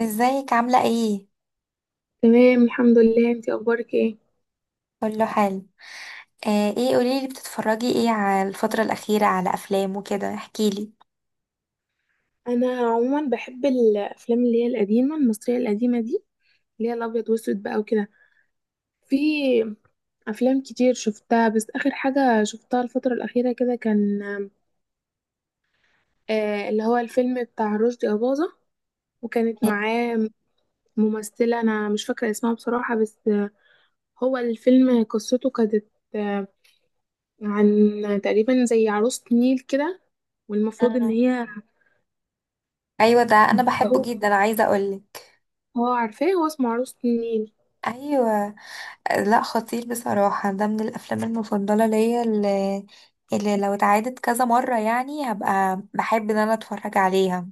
ازيك عاملة ايه؟ تمام الحمد لله، انتي اخبارك ايه؟ كله حلو. ايه، قوليلي بتتفرجي ايه على الفترة الأخيرة على أفلام وكده، احكيلي. انا عموما بحب الافلام اللي هي القديمه، المصريه القديمه دي، اللي هي الابيض واسود بقى وكده. في افلام كتير شفتها، بس اخر حاجه شفتها الفتره الاخيره كده كان اللي هو الفيلم بتاع رشدي اباظه، وكانت معاه ممثله انا مش فاكره اسمها بصراحه، بس هو الفيلم قصته كانت آه عن تقريبا زي عروسه نيل كده، والمفروض ان مم. هي ايوه، ده انا بحبه هو جدا، عايزة اقولك. هو عارفاه، هو اسمه عروسة النيل. ايوه. لا، خطير بصراحة، ده من الأفلام المفضلة ليا اللي لو اتعادت كذا مرة، يعني هبقى بحب ان انا اتفرج عليها.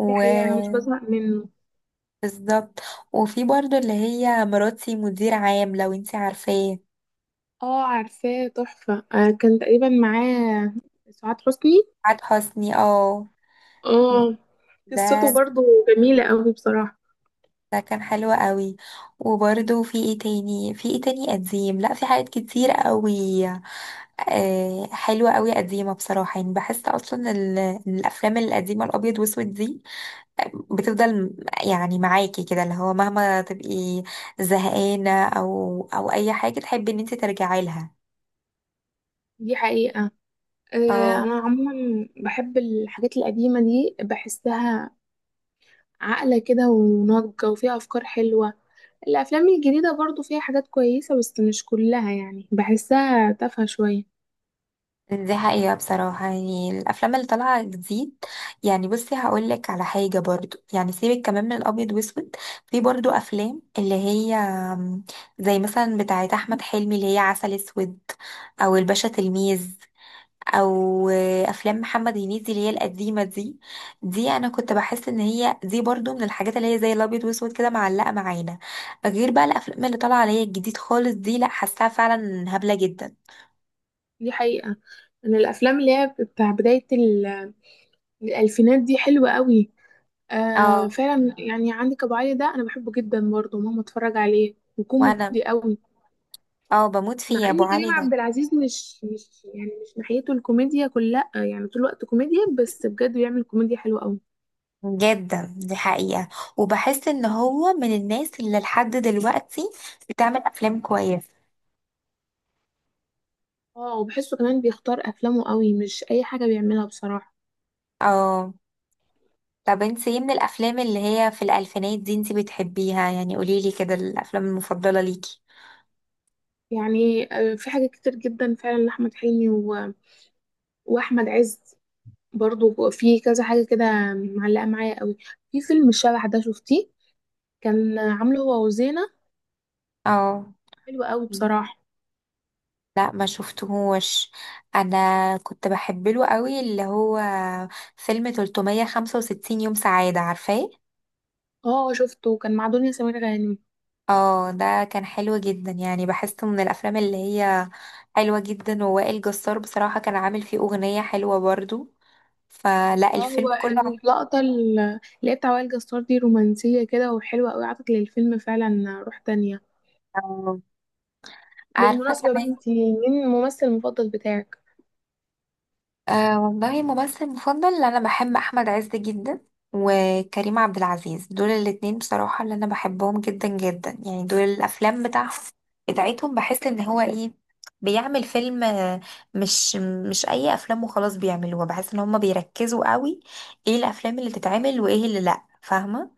دي حقيقة أنا مش بزهق منه. بالظبط. وفي برضو اللي هي مراتي مدير عام، لو انتي عارفاه. اه عارفاه تحفة، آه كان تقريبا معاه سعاد حسني. سعاد حسني، اه. اه قصته ده برضو جميلة قوي بصراحة. ده كان حلو قوي. وبرده في ايه تاني، في ايه تاني قديم، لا في حاجات كتير قوي. حلوة قوي، قديمة بصراحة، يعني بحس اصلا الافلام القديمة الابيض واسود دي بتفضل، يعني معاكي كده، اللي هو مهما تبقي زهقانة او اي حاجة تحبي ان انت ترجعي لها. دي حقيقة. آه اه، أنا عموما بحب الحاجات القديمة دي، بحسها عاقلة كده وناضجة وفيها أفكار حلوة. الأفلام الجديدة برضو فيها حاجات كويسة، بس مش كلها يعني، بحسها تافهة شوية. دي حقيقة بصراحة، يعني الأفلام اللي طالعة جديد، يعني بصي هقولك على حاجة برضو، يعني سيبك كمان من الأبيض وأسود، في برضو أفلام اللي هي زي مثلا بتاعة أحمد حلمي اللي هي عسل أسود، أو الباشا تلميذ، أو أفلام محمد هنيدي اللي هي القديمة دي. دي أنا كنت بحس إن هي دي برضو من الحاجات اللي هي زي الأبيض وأسود كده، معلقة معانا. غير بقى الأفلام اللي طالعة اللي هي الجديد خالص دي، لأ، حاساها فعلا هبلة جدا. دي حقيقة. أنا الأفلام اللي هي بتاع بداية الألفينات دي حلوة قوي. آه اه، فعلا، يعني عندك ابو علي ده انا بحبه جدا، برضه ماما اتفرج عليه، وانا وكوميدي قوي. اه بموت فيه مع يا ان ابو كريم علي ده. عبد العزيز مش يعني مش ناحيته الكوميديا كلها، يعني طول الوقت كوميديا، بس بجد بيعمل كوميديا حلوه قوي. جدا، دي حقيقة، وبحس ان هو من الناس اللي لحد دلوقتي بتعمل افلام كويسة. اه وبحسه كمان بيختار افلامه قوي، مش اي حاجه بيعملها بصراحه. اه. طب انت ايه من الافلام اللي هي في الالفينات دي انت بتحبيها؟ يعني قوليلي كده الافلام المفضلة ليكي. يعني آه في حاجات كتير جدا فعلا لاحمد حلمي واحمد عز برضه، في كذا حاجه كده معلقه معايا قوي. في فيلم الشبح ده، شفتيه؟ كان عامله هو وزينه، اه، حلو قوي بصراحه. لا ما شفتهوش. انا كنت بحب له قوي اللي هو فيلم 365 يوم سعادة، عارفاه؟ اه شفته كان مع دنيا سمير غانم. اه، ده كان حلو جدا، يعني بحسه من الافلام اللي هي حلوة جدا. ووائل جسار بصراحة كان عامل فيه اغنية حلوة برضو، فلا اه هو الفيلم كله اللقطة اللي هي بتاع وائل جسار دي رومانسية كده وحلوة قوي، عطت للفيلم فعلا روح تانية. آه، عارفة بالمناسبة بقى، كمان. انتي مين الممثل المفضل بتاعك؟ والله، ممثل مفضل انا بحب احمد عز جدا، وكريم عبد العزيز، دول الاتنين بصراحة اللي انا بحبهم جدا جدا، يعني دول الافلام بتاعهم بتاعتهم بحس ان هو ايه، بيعمل فيلم، مش مش اي افلام وخلاص بيعملوها، بحس ان هم بيركزوا قوي ايه الافلام اللي تتعمل وايه اللي لا، فاهمة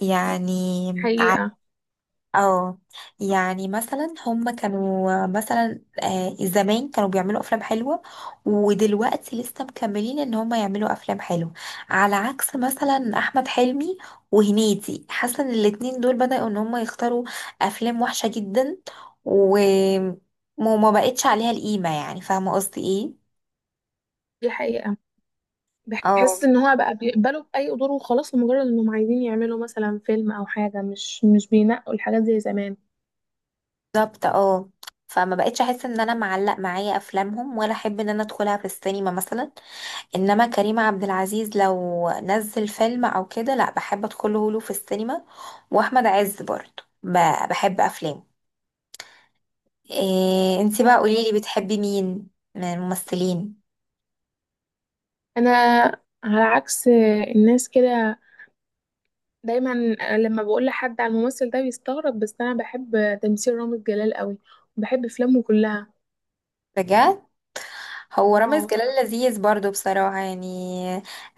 يعني. حقيقة. اه، يعني مثلا هم كانوا مثلا زمان كانوا بيعملوا افلام حلوه، ودلوقتي لسه مكملين ان هم يعملوا افلام حلوه، على عكس مثلا احمد حلمي وهنيدي، حاسه ان الاتنين دول بدأوا ان هم يختاروا افلام وحشه جدا و- وما بقتش عليها القيمه، يعني فاهمه قصدي ايه. دي حقيقة، اه، بحس ان هو بقى بيقبلوا بأي دور وخلاص، لمجرد انهم عايزين يعملوا مثلا فيلم او حاجة، مش بينقوا الحاجات زي زمان. بالظبط، اه. فما بقتش احس ان انا معلق معايا افلامهم، ولا احب ان انا ادخلها في السينما مثلا. انما كريم عبد العزيز لو نزل فيلم او كده، لا، بحب ادخله له في السينما. واحمد عز برضه بحب افلامه. إيه انتي بقى، اه قوليلي بتحبي مين من الممثلين؟ انا على عكس الناس كده دايما، لما بقول لحد على الممثل ده بيستغرب، بس انا بحب تمثيل رامز جلال قوي، وبحب افلامه كلها. بجد، هو واو. رامز جلال لذيذ برضه بصراحة، يعني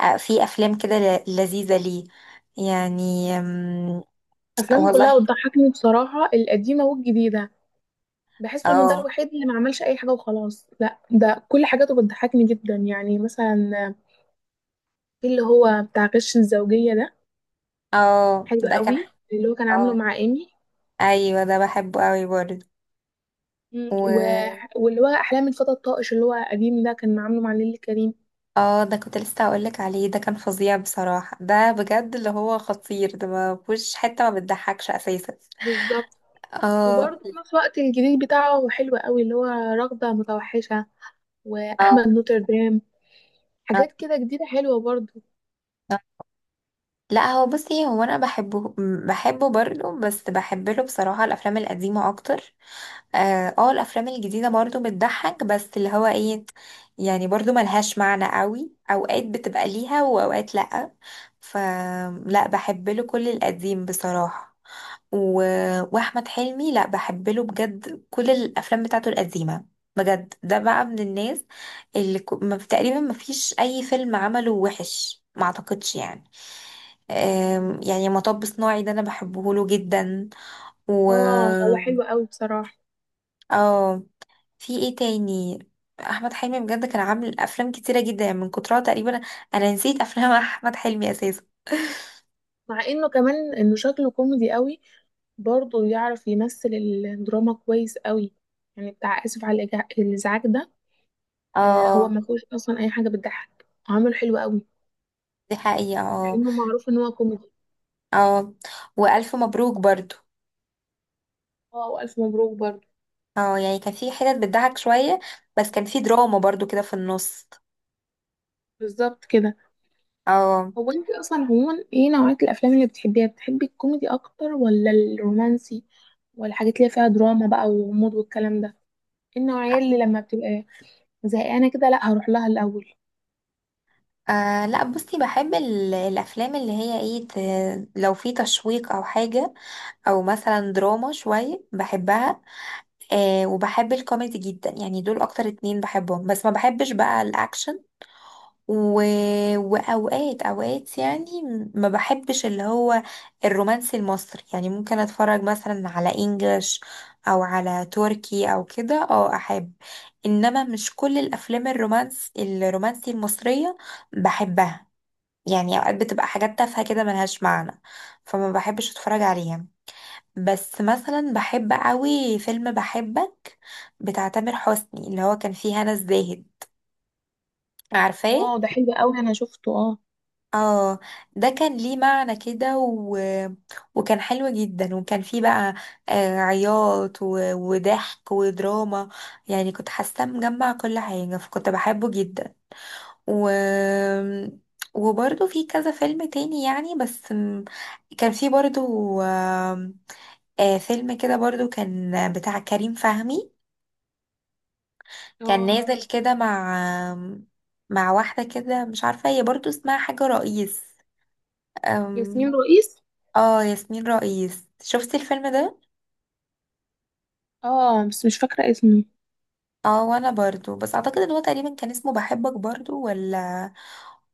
في افلام كده لذيذة ليه، يعني افلامه والله. كلها بتضحكني بصراحة، القديمة والجديدة. بحس انه ده اه، الوحيد اللي ما عملش اي حاجة وخلاص، لا ده كل حاجاته بتضحكني جدا، يعني مثلا في اللي هو بتاع غش الزوجية ده، اه، حلو ده كان، قوي اللي هو كان عامله اه، مع ايمي. ايوه ده بحبه قوي مم. برضه. واللي هو احلام الفتى الطائش اللي هو قديم ده، كان عامله مع نيللي كريم. اه، ده كنت لسه هقولك عليه، ده كان فظيع بصراحة، ده بجد اللي هو خطير، ده ما فيهوش حتة ما بتضحكش اساسا. بالظبط. اه، وبرضه في نفس الوقت الجديد بتاعه حلو قوي، اللي هو رغدة متوحشة آه، وأحمد نوتردام، آه، حاجات كده جديدة حلوة برضه. آه. لا، هو بصي، هو انا بحبه، برضه، بس بحب له بصراحة الافلام القديمة اكتر. اه، آه، الافلام الجديده برضو بتضحك، بس اللي هو ايه، يعني برضو ملهاش معنى قوي، اوقات بتبقى ليها واوقات لا. فلا، بحب له كل القديم بصراحه، و... واحمد حلمي لا، بحب له بجد كل الافلام بتاعته القديمه. بجد ده بقى من الناس اللي تقريبا ما فيش اي فيلم عمله وحش، ما اعتقدش يعني. يعني مطب صناعي ده انا بحبه له جدا. و اه هو حلو قوي بصراحة. اه، في ايه تاني؟ احمد حلمي بجد كان عامل افلام كتيره جدا يعني، من كترها تقريبا انا نسيت افلام احمد حلمي اساسا. مع انه كمان انه شكله كوميدي قوي، برضه يعرف يمثل الدراما كويس قوي، يعني بتاع آسف على الإزعاج ده. آه هو اه، ما فيهوش أصلا أي حاجة بتضحك، عامل حلو قوي، دي حقيقه، مع اه. انه معروف ان هو كوميدي. اه، والف مبروك برضو. اه وألف مبروك برضه. اه، يعني كان في حتت بتضحك شويه، بس كان في دراما برضو كده في النص. بالظبط كده. اه، هو انت اصلا عموما ايه نوعية الافلام اللي بتحبيها؟ بتحبي الكوميدي اكتر ولا الرومانسي، ولا الحاجات اللي فيها دراما بقى وغموض والكلام ده؟ ايه النوعية اللي لما بتبقى زهقانة كده لا هروح لها الاول؟ لا، بصي بحب الافلام اللي هي ايه، لو في تشويق او حاجه، او مثلا دراما شويه بحبها. وبحب الكوميدي جدا، يعني دول اكتر اتنين بحبهم، بس ما بحبش بقى الاكشن. و... واوقات، اوقات يعني ما بحبش اللي هو الرومانسي المصري، يعني ممكن اتفرج مثلا على انجلش او على تركي او كده، اه، احب. انما مش كل الافلام الرومانسي المصرية بحبها، يعني اوقات بتبقى حاجات تافهة كده ملهاش معنى، فما بحبش اتفرج عليها. بس مثلا بحب قوي فيلم بحبك بتاع تامر حسني، اللي هو كان فيه هنا الزاهد، عارفاه؟ اه ده حلو قوي، انا شفته اه. اه، ده كان ليه معنى كده، وكان حلو جدا، وكان فيه بقى عياط وضحك ودراما، يعني كنت حاسة مجمع كل حاجة، فكنت بحبه جدا، و وبرضه في كذا فيلم تاني يعني، بس كان في برضه آم، فيلم كده برضه كان بتاع كريم فهمي، كان اه نازل كده مع آم، مع واحدة كده، مش عارفة هي برضه اسمها حاجة رئيس، آم، ياسمين رئيس. اه، ياسمين رئيس، شفتي الفيلم ده؟ اه بس مش فاكرة اسمه. اه، وانا برضو، بس اعتقد ان هو تقريبا كان اسمه بحبك برضو، ولا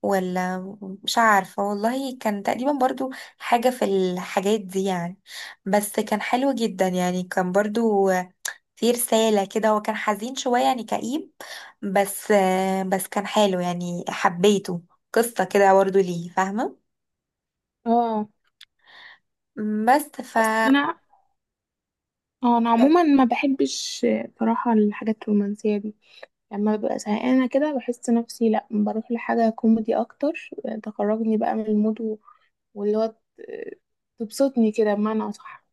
ولا مش عارفة والله. كان تقريبا برضو حاجة في الحاجات دي يعني، بس كان حلو جدا يعني، كان برضو في رسالة كده، هو كان حزين شوية يعني كئيب، بس بس كان حلو يعني حبيته، قصة كده برضو ليه، فاهمة. اه بس بس انا، اه انا مم. عموما ما بحبش بصراحة الحاجات الرومانسية دي، لما ببقى زهقانة كده بحس نفسي لا بروح لحاجة كوميدي اكتر، تخرجني بقى من المود، واللي هو ت- تبسطني كده بمعنى أصح.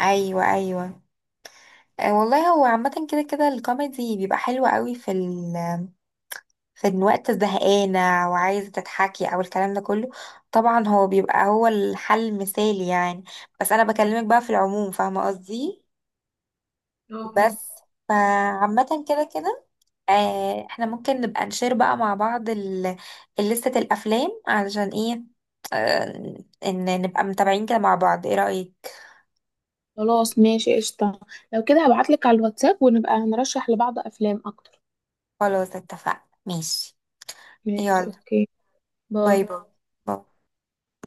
ايوه، ايوه، والله هو عامة كده كده الكوميدي بيبقى حلو قوي، في إن وقت زهقانة وعايزة تتحكي أو الكلام ده كله، طبعا هو بيبقى هو الحل المثالي يعني. بس أنا بكلمك بقى في العموم، فاهمة قصدي. اه بس، فعامة كده كده، احنا ممكن نبقى نشير بقى مع بعض لستة الأفلام، علشان ايه، إن نبقى متابعين كده مع بعض، ايه رأيك؟ خلاص ماشي قشطة، لو كده هبعتلك على الواتساب ونبقى نرشح لبعض أفلام أكتر. خلاص، اتفقنا، ماشي. ماشي يلا، أوكي، باي باي باي باي.